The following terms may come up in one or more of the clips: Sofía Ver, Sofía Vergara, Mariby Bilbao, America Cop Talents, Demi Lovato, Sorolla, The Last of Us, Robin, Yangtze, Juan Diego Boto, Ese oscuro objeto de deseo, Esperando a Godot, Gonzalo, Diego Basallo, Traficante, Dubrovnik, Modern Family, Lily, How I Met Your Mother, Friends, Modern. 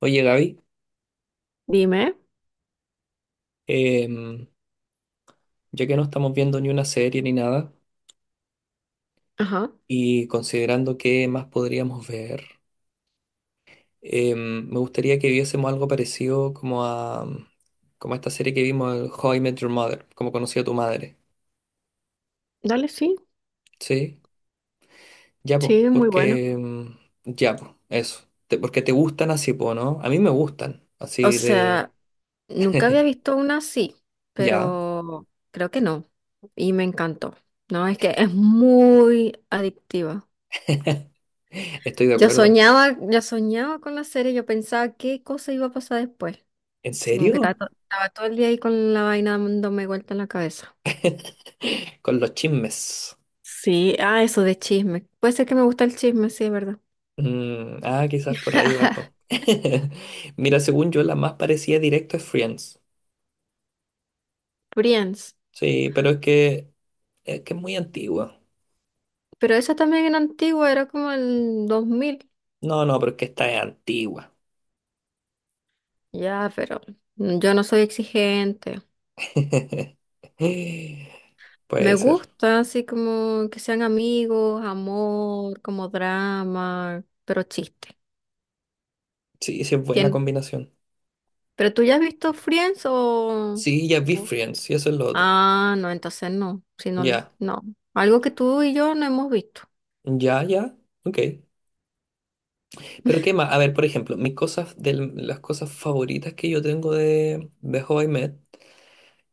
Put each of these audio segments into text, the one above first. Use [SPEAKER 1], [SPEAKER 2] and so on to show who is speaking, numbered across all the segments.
[SPEAKER 1] Oye, Gaby,
[SPEAKER 2] Dime.
[SPEAKER 1] em, ya que no estamos viendo ni una serie ni nada,
[SPEAKER 2] Ajá.
[SPEAKER 1] y considerando qué más podríamos ver, me gustaría que viésemos algo parecido como a, como a esta serie que vimos, el How I Met Your Mother, como conocí a tu madre,
[SPEAKER 2] Dale, sí.
[SPEAKER 1] ¿sí? Ya, pues,
[SPEAKER 2] Sí, muy bueno.
[SPEAKER 1] porque, ya, pues, eso, porque te gustan así, pues, ¿no? A mí me gustan,
[SPEAKER 2] O
[SPEAKER 1] así de,
[SPEAKER 2] sea, nunca había visto una así,
[SPEAKER 1] ya,
[SPEAKER 2] pero creo que no. Y me encantó. No, es que es muy adictiva.
[SPEAKER 1] estoy de
[SPEAKER 2] Yo
[SPEAKER 1] acuerdo.
[SPEAKER 2] soñaba, yo soñaba con la serie, yo pensaba qué cosa iba a pasar después.
[SPEAKER 1] ¿En
[SPEAKER 2] Así como que
[SPEAKER 1] serio?
[SPEAKER 2] estaba todo el día ahí con la vaina dándome vuelta en la cabeza.
[SPEAKER 1] Con los chismes.
[SPEAKER 2] Sí, ah, eso de chisme. Puede ser que me gusta el chisme, sí, es verdad.
[SPEAKER 1] Mm, ah, quizás por ahí va. Po. Mira, según yo, la más parecida directo es Friends.
[SPEAKER 2] Friends.
[SPEAKER 1] Sí, pero es que es muy antigua.
[SPEAKER 2] Pero esa también era antigua, era como el 2000.
[SPEAKER 1] No, no, pero es que esta es antigua.
[SPEAKER 2] Ya, pero yo no soy exigente. Me
[SPEAKER 1] Puede ser.
[SPEAKER 2] gusta así como que sean amigos, amor, como drama, pero chiste.
[SPEAKER 1] Sí, sí, es buena
[SPEAKER 2] ¿Quién?
[SPEAKER 1] combinación.
[SPEAKER 2] ¿Pero tú ya has visto Friends o...?
[SPEAKER 1] Sí, ya vi
[SPEAKER 2] o-
[SPEAKER 1] Friends, y eso es lo otro.
[SPEAKER 2] Ah, no, entonces no. Si no,
[SPEAKER 1] Ya,
[SPEAKER 2] no. Algo que tú y yo no hemos visto.
[SPEAKER 1] ya. Ok. Pero qué más, a ver, por ejemplo, mis cosas de las cosas favoritas que yo tengo de How I Met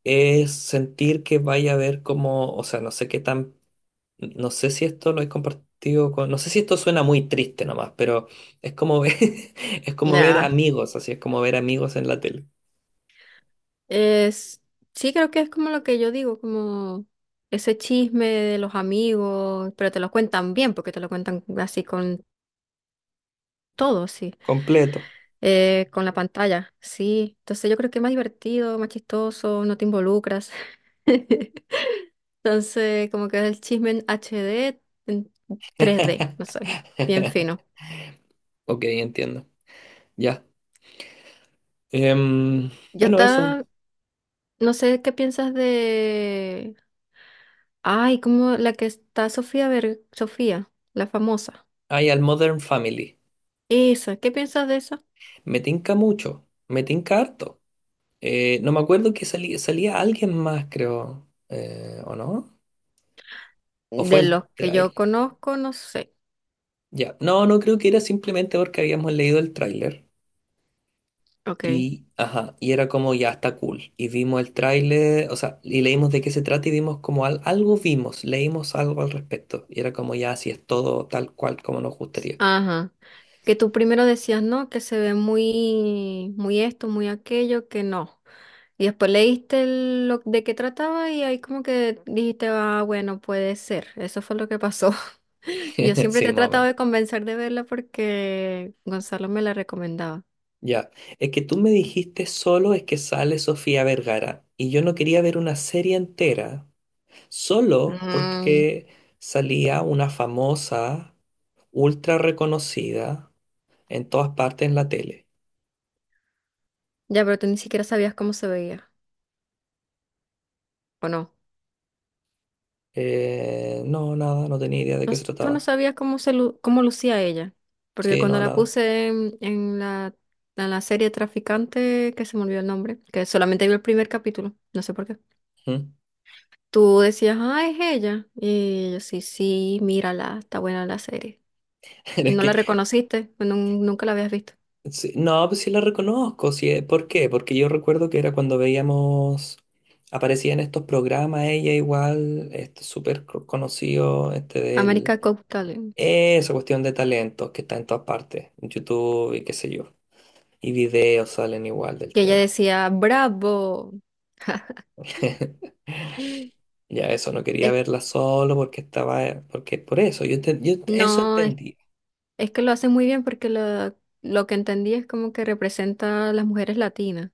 [SPEAKER 1] es sentir que vaya a ver como, o sea, no sé qué tan No sé si esto lo he compartido con... No sé si esto suena muy triste nomás, pero es como ver, es como ver
[SPEAKER 2] Nah.
[SPEAKER 1] amigos, así es como ver amigos en la tele.
[SPEAKER 2] Es... Sí, creo que es como lo que yo digo, como ese chisme de los amigos, pero te lo cuentan bien, porque te lo cuentan así con todo, sí.
[SPEAKER 1] Completo.
[SPEAKER 2] Con la pantalla, sí. Entonces yo creo que es más divertido, más chistoso, no te involucras. Entonces, como que es el chisme en HD, en 3D, no sé, bien fino.
[SPEAKER 1] Ok, entiendo. Ya. Em,
[SPEAKER 2] ¿Ya
[SPEAKER 1] bueno, eso.
[SPEAKER 2] está? No sé qué piensas de... Ay, como la que está Sofía, la famosa.
[SPEAKER 1] Hay al Modern Family.
[SPEAKER 2] Esa, ¿qué piensas de esa?
[SPEAKER 1] Me tinca mucho. Me tinca harto. No me acuerdo que salía alguien más, creo. ¿O no? ¿O fue
[SPEAKER 2] De los
[SPEAKER 1] el
[SPEAKER 2] que yo
[SPEAKER 1] tráiler?
[SPEAKER 2] conozco, no sé.
[SPEAKER 1] Ya. No, no creo que era simplemente porque habíamos leído el tráiler.
[SPEAKER 2] Ok.
[SPEAKER 1] Y, ajá, y era como ya está cool. Y vimos el tráiler, o sea, y leímos de qué se trata y vimos como algo vimos, leímos algo al respecto. Y era como ya, si es todo tal cual como nos gustaría.
[SPEAKER 2] Ajá. Que tú primero decías, no, que se ve muy, muy esto, muy aquello, que no. Y después lo de qué trataba y ahí como que dijiste, ah, bueno, puede ser. Eso fue lo que pasó. Yo siempre te
[SPEAKER 1] Sí,
[SPEAKER 2] he
[SPEAKER 1] más o
[SPEAKER 2] tratado
[SPEAKER 1] menos.
[SPEAKER 2] de convencer de verla porque Gonzalo me la recomendaba.
[SPEAKER 1] Ya. Es que tú me dijiste solo es que sale Sofía Vergara. Y yo no quería ver una serie entera, solo
[SPEAKER 2] Mm,
[SPEAKER 1] porque salía una famosa, ultra reconocida en todas partes en la tele.
[SPEAKER 2] ya, pero tú ni siquiera sabías cómo se veía, ¿o no?
[SPEAKER 1] No, nada, no tenía idea de qué se
[SPEAKER 2] Tú no
[SPEAKER 1] trataba.
[SPEAKER 2] sabías cómo lucía ella, porque
[SPEAKER 1] Sí,
[SPEAKER 2] cuando
[SPEAKER 1] no,
[SPEAKER 2] la
[SPEAKER 1] nada.
[SPEAKER 2] puse en la serie Traficante, que se me olvidó el nombre, que solamente vi el primer capítulo, no sé por qué.
[SPEAKER 1] Ujú.
[SPEAKER 2] Tú decías, ah, es ella. Y yo sí, sí, mírala, está buena la serie. Y
[SPEAKER 1] Es
[SPEAKER 2] no
[SPEAKER 1] que,
[SPEAKER 2] la reconociste, pues nunca la habías visto.
[SPEAKER 1] sí, no, pues sí la reconozco. Sí, ¿por qué? Porque yo recuerdo que era cuando veíamos, aparecía en estos programas ella igual, este conocido, este del,
[SPEAKER 2] America Cop Talents.
[SPEAKER 1] esa cuestión de talentos que está en todas partes, en YouTube y qué sé yo. Y videos salen igual del
[SPEAKER 2] Y ella
[SPEAKER 1] tema.
[SPEAKER 2] decía, bravo.
[SPEAKER 1] Ya eso, no quería
[SPEAKER 2] Es-
[SPEAKER 1] verla solo porque estaba, porque por eso, yo, yo eso
[SPEAKER 2] no,
[SPEAKER 1] entendí.
[SPEAKER 2] es que lo hacen muy bien lo que entendí es como que representa a las mujeres latinas.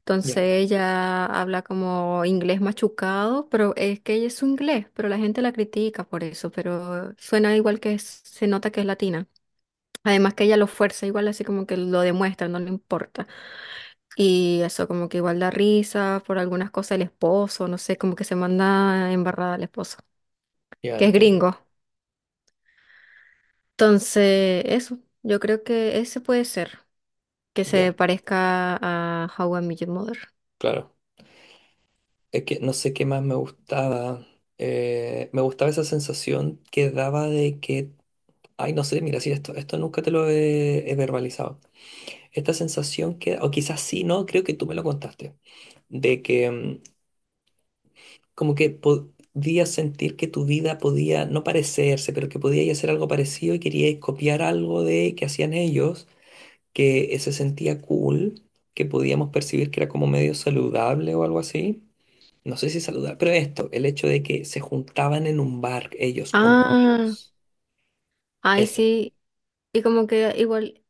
[SPEAKER 2] Entonces
[SPEAKER 1] Ya,
[SPEAKER 2] ella habla como inglés machucado, pero es que ella es su inglés, pero la gente la critica por eso, pero suena igual que se nota que es latina. Además que ella lo fuerza igual, así como que lo demuestra, no le importa. Y eso como que igual da risa por algunas cosas el esposo, no sé, como que se manda embarrada al esposo,
[SPEAKER 1] ya
[SPEAKER 2] que es
[SPEAKER 1] entiendo.
[SPEAKER 2] gringo. Entonces, eso, yo creo que ese puede ser, que se
[SPEAKER 1] Ya,
[SPEAKER 2] parezca a How I Met Your Mother.
[SPEAKER 1] claro. Es que no sé qué más me gustaba. Me gustaba esa sensación que daba de que, ay, no sé, mira, sí, esto nunca te lo he verbalizado. Esta sensación que, o quizás sí, no, creo que tú me lo contaste, de que como que podías sentir que tu vida podía no parecerse, pero que podías hacer algo parecido y queríais copiar algo de que hacían ellos, que se sentía cool, que podíamos percibir que era como medio saludable o algo así no sé si saludar, pero esto, el hecho de que se juntaban en un bar ellos como
[SPEAKER 2] Ah,
[SPEAKER 1] amigos.
[SPEAKER 2] ay,
[SPEAKER 1] Eso.
[SPEAKER 2] sí. Y como que igual,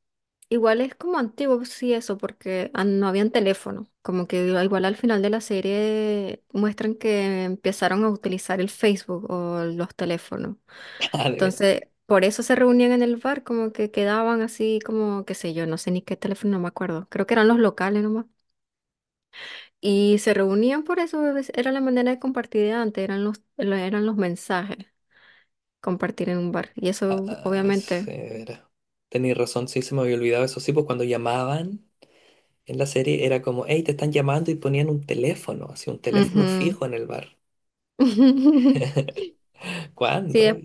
[SPEAKER 2] igual es como antiguo, sí, eso, porque no habían teléfono. Como que igual al final de la serie muestran que empezaron a utilizar el Facebook o los teléfonos.
[SPEAKER 1] Ah, de ver.
[SPEAKER 2] Entonces, por eso se reunían en el bar, como que quedaban así, como, qué sé yo, no sé ni qué teléfono, no me acuerdo. Creo que eran los locales nomás. Y se reunían por eso, era la manera de compartir de antes, eran eran los mensajes, compartir en un bar. Y
[SPEAKER 1] Ah,
[SPEAKER 2] eso,
[SPEAKER 1] ah, sí,
[SPEAKER 2] obviamente.
[SPEAKER 1] de veras. Tenéis razón, sí, se me había olvidado eso. Sí, pues cuando llamaban en la serie era como, hey, te están llamando y ponían un teléfono, así un teléfono
[SPEAKER 2] Ujú.
[SPEAKER 1] fijo en el bar.
[SPEAKER 2] Sí,
[SPEAKER 1] ¿Cuándo?
[SPEAKER 2] des-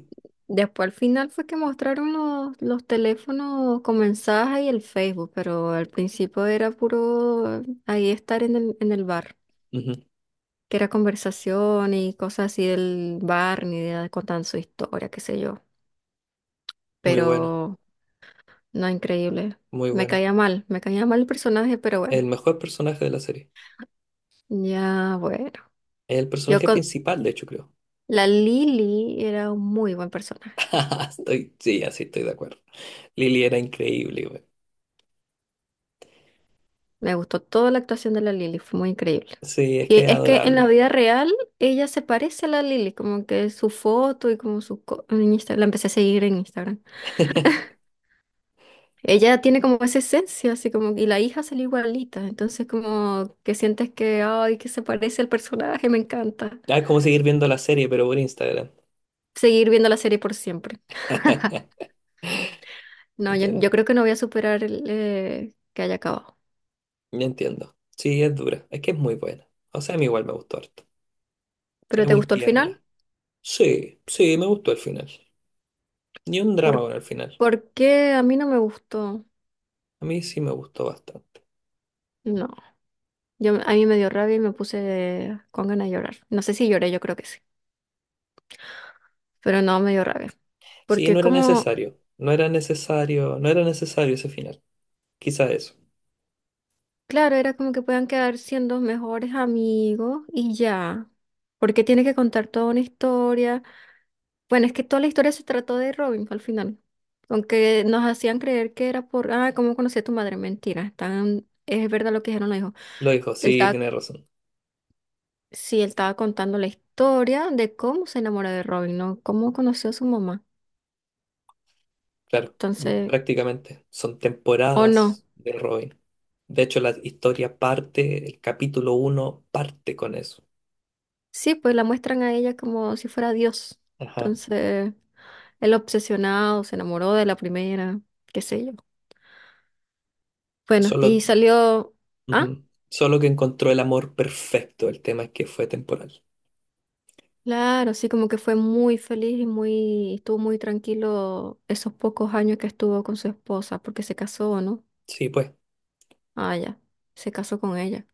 [SPEAKER 2] después al final fue que mostraron los teléfonos con mensaje y el Facebook, pero al principio era puro ahí estar en el bar,
[SPEAKER 1] Ujú.
[SPEAKER 2] que era conversación y cosas así del bar, ni idea de contar su historia, qué sé yo.
[SPEAKER 1] Muy bueno,
[SPEAKER 2] Pero no, increíble.
[SPEAKER 1] muy
[SPEAKER 2] Me
[SPEAKER 1] bueno.
[SPEAKER 2] caía mal, me caía mal el personaje, pero bueno,
[SPEAKER 1] El mejor personaje de la serie.
[SPEAKER 2] ya bueno.
[SPEAKER 1] El
[SPEAKER 2] Yo
[SPEAKER 1] personaje
[SPEAKER 2] con
[SPEAKER 1] principal, de hecho, creo.
[SPEAKER 2] La Lily era un muy buen personaje.
[SPEAKER 1] Estoy, sí, así estoy de acuerdo. Lily era increíble, güey.
[SPEAKER 2] Me gustó toda la actuación de la Lily, fue muy increíble.
[SPEAKER 1] Sí, es
[SPEAKER 2] Y
[SPEAKER 1] que es
[SPEAKER 2] es que en la
[SPEAKER 1] adorable.
[SPEAKER 2] vida real ella se parece a la Lily, como que su foto y como En Instagram, la empecé a seguir en Instagram. Ella tiene como esa esencia, así como... Y la hija salió igualita, entonces como que sientes que, ay, que se parece al personaje, me encanta.
[SPEAKER 1] Ah, es como seguir viendo la serie, pero por Instagram.
[SPEAKER 2] Seguir viendo la serie por siempre. No,
[SPEAKER 1] Entiendo,
[SPEAKER 2] yo creo que no voy a superar que haya acabado.
[SPEAKER 1] ya entiendo. Sí, es dura. Es que es muy buena. O sea, a mí igual me gustó harto.
[SPEAKER 2] ¿Pero
[SPEAKER 1] Era
[SPEAKER 2] te
[SPEAKER 1] muy
[SPEAKER 2] gustó el final?
[SPEAKER 1] tierna. Sí, sí, me gustó el final. Ni un drama
[SPEAKER 2] ¿Por,
[SPEAKER 1] con el final.
[SPEAKER 2] por qué a mí no me gustó?
[SPEAKER 1] A mí sí me gustó bastante.
[SPEAKER 2] No. Yo, a mí me dio rabia y me puse con ganas de llorar. No sé si lloré, yo creo que sí, pero no me dio rabia.
[SPEAKER 1] Sí,
[SPEAKER 2] Porque
[SPEAKER 1] no era
[SPEAKER 2] como,
[SPEAKER 1] necesario. No era necesario ese final. Quizá eso.
[SPEAKER 2] claro, era como que puedan quedar siendo mejores amigos y ya. Porque tiene que contar toda una historia. Bueno, es que toda la historia se trató de Robin al final. Aunque nos hacían creer que era por, ah, ¿cómo conocí a tu madre? Mentira. Están, es verdad lo que dijeron los hijos.
[SPEAKER 1] Lo dijo,
[SPEAKER 2] Él
[SPEAKER 1] sí,
[SPEAKER 2] estaba,
[SPEAKER 1] tiene razón.
[SPEAKER 2] sí, él estaba contando la historia de cómo se enamoró de Robin, ¿no? Cómo conoció a su mamá.
[SPEAKER 1] Claro,
[SPEAKER 2] Entonces,
[SPEAKER 1] prácticamente son
[SPEAKER 2] o no.
[SPEAKER 1] temporadas de Robin. De hecho, la historia parte, el capítulo uno parte con eso.
[SPEAKER 2] Sí, pues la muestran a ella como si fuera Dios.
[SPEAKER 1] Ajá.
[SPEAKER 2] Entonces, él obsesionado, se enamoró de la primera, qué sé yo. Bueno,
[SPEAKER 1] Solo
[SPEAKER 2] y salió, ah,
[SPEAKER 1] Ujú. Solo que encontró el amor perfecto, el tema es que fue temporal.
[SPEAKER 2] claro, sí, como que fue muy feliz y muy, estuvo muy tranquilo esos pocos años que estuvo con su esposa, porque se casó, ¿no?
[SPEAKER 1] Sí, pues.
[SPEAKER 2] Ah, ya, se casó con ella,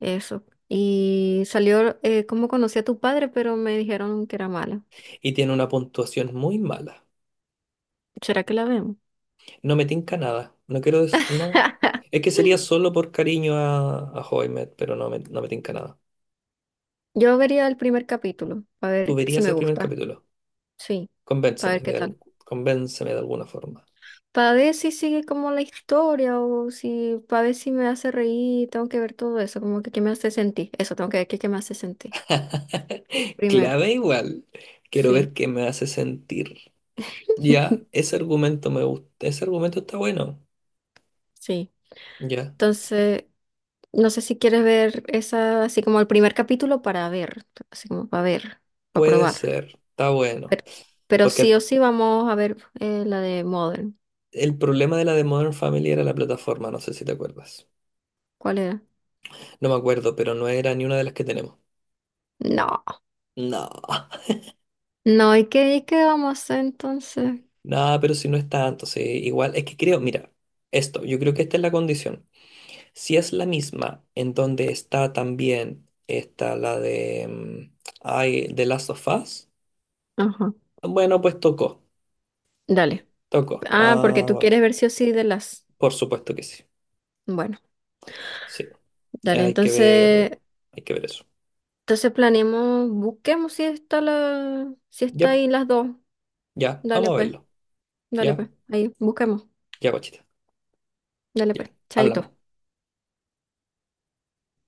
[SPEAKER 2] eso. Y salió, ¿cómo conocí a tu padre? Pero me dijeron que era mala.
[SPEAKER 1] Y tiene una puntuación muy mala.
[SPEAKER 2] ¿Será que la vemos?
[SPEAKER 1] No me tinca nada. No quiero No. Es que sería solo por cariño a Hoymet, pero no me tinca nada.
[SPEAKER 2] Yo vería el primer capítulo, a
[SPEAKER 1] Tú
[SPEAKER 2] ver si
[SPEAKER 1] verías
[SPEAKER 2] me
[SPEAKER 1] el primer
[SPEAKER 2] gusta.
[SPEAKER 1] capítulo.
[SPEAKER 2] Sí, para
[SPEAKER 1] Convénceme
[SPEAKER 2] ver
[SPEAKER 1] de
[SPEAKER 2] qué tal.
[SPEAKER 1] algo. Convénceme de alguna forma.
[SPEAKER 2] Para ver si sigue como la historia o si, para ver si me hace reír, tengo que ver todo eso, como que qué me hace sentir. Eso, tengo que ver qué, qué me hace sentir. Primero,
[SPEAKER 1] Clave igual. Quiero ver
[SPEAKER 2] sí.
[SPEAKER 1] qué me hace sentir. Ya, ese argumento me gusta. Ese argumento está bueno.
[SPEAKER 2] Sí.
[SPEAKER 1] Ya.
[SPEAKER 2] Entonces, no sé si quieres ver esa, así como el primer capítulo para ver, así como para ver, para
[SPEAKER 1] Puede
[SPEAKER 2] probar.
[SPEAKER 1] ser. Está bueno.
[SPEAKER 2] Pero, pero sí
[SPEAKER 1] Porque
[SPEAKER 2] o sí vamos a ver la de Modern.
[SPEAKER 1] el problema de la de Modern Family era la plataforma, no sé si te acuerdas.
[SPEAKER 2] ¿Cuál era?
[SPEAKER 1] No me acuerdo, pero no era ni una de las que tenemos.
[SPEAKER 2] No,
[SPEAKER 1] No,
[SPEAKER 2] no, y qué vamos a hacer entonces?
[SPEAKER 1] no, pero si no es tanto, sí, igual, es que creo, mira, esto, yo creo que esta es la condición. Si es la misma en donde está también, está la de, ay, The Last of Us,
[SPEAKER 2] Ajá,
[SPEAKER 1] bueno, pues tocó,
[SPEAKER 2] dale.
[SPEAKER 1] tocó.
[SPEAKER 2] Ah, porque
[SPEAKER 1] Ah,
[SPEAKER 2] tú
[SPEAKER 1] bueno,
[SPEAKER 2] quieres ver sí o sí de las.
[SPEAKER 1] por supuesto que sí,
[SPEAKER 2] Bueno,
[SPEAKER 1] sí,
[SPEAKER 2] dale,
[SPEAKER 1] hay que ver, hay que ver eso.
[SPEAKER 2] entonces planeemos, busquemos si está si
[SPEAKER 1] Ya,
[SPEAKER 2] está
[SPEAKER 1] pu,
[SPEAKER 2] ahí las dos.
[SPEAKER 1] ya,
[SPEAKER 2] Dale
[SPEAKER 1] vamos a
[SPEAKER 2] pues,
[SPEAKER 1] verlo,
[SPEAKER 2] Dale
[SPEAKER 1] ya,
[SPEAKER 2] pues, ahí, busquemos,
[SPEAKER 1] ya, guachita,
[SPEAKER 2] dale
[SPEAKER 1] ya,
[SPEAKER 2] pues, chaito.
[SPEAKER 1] hablamos.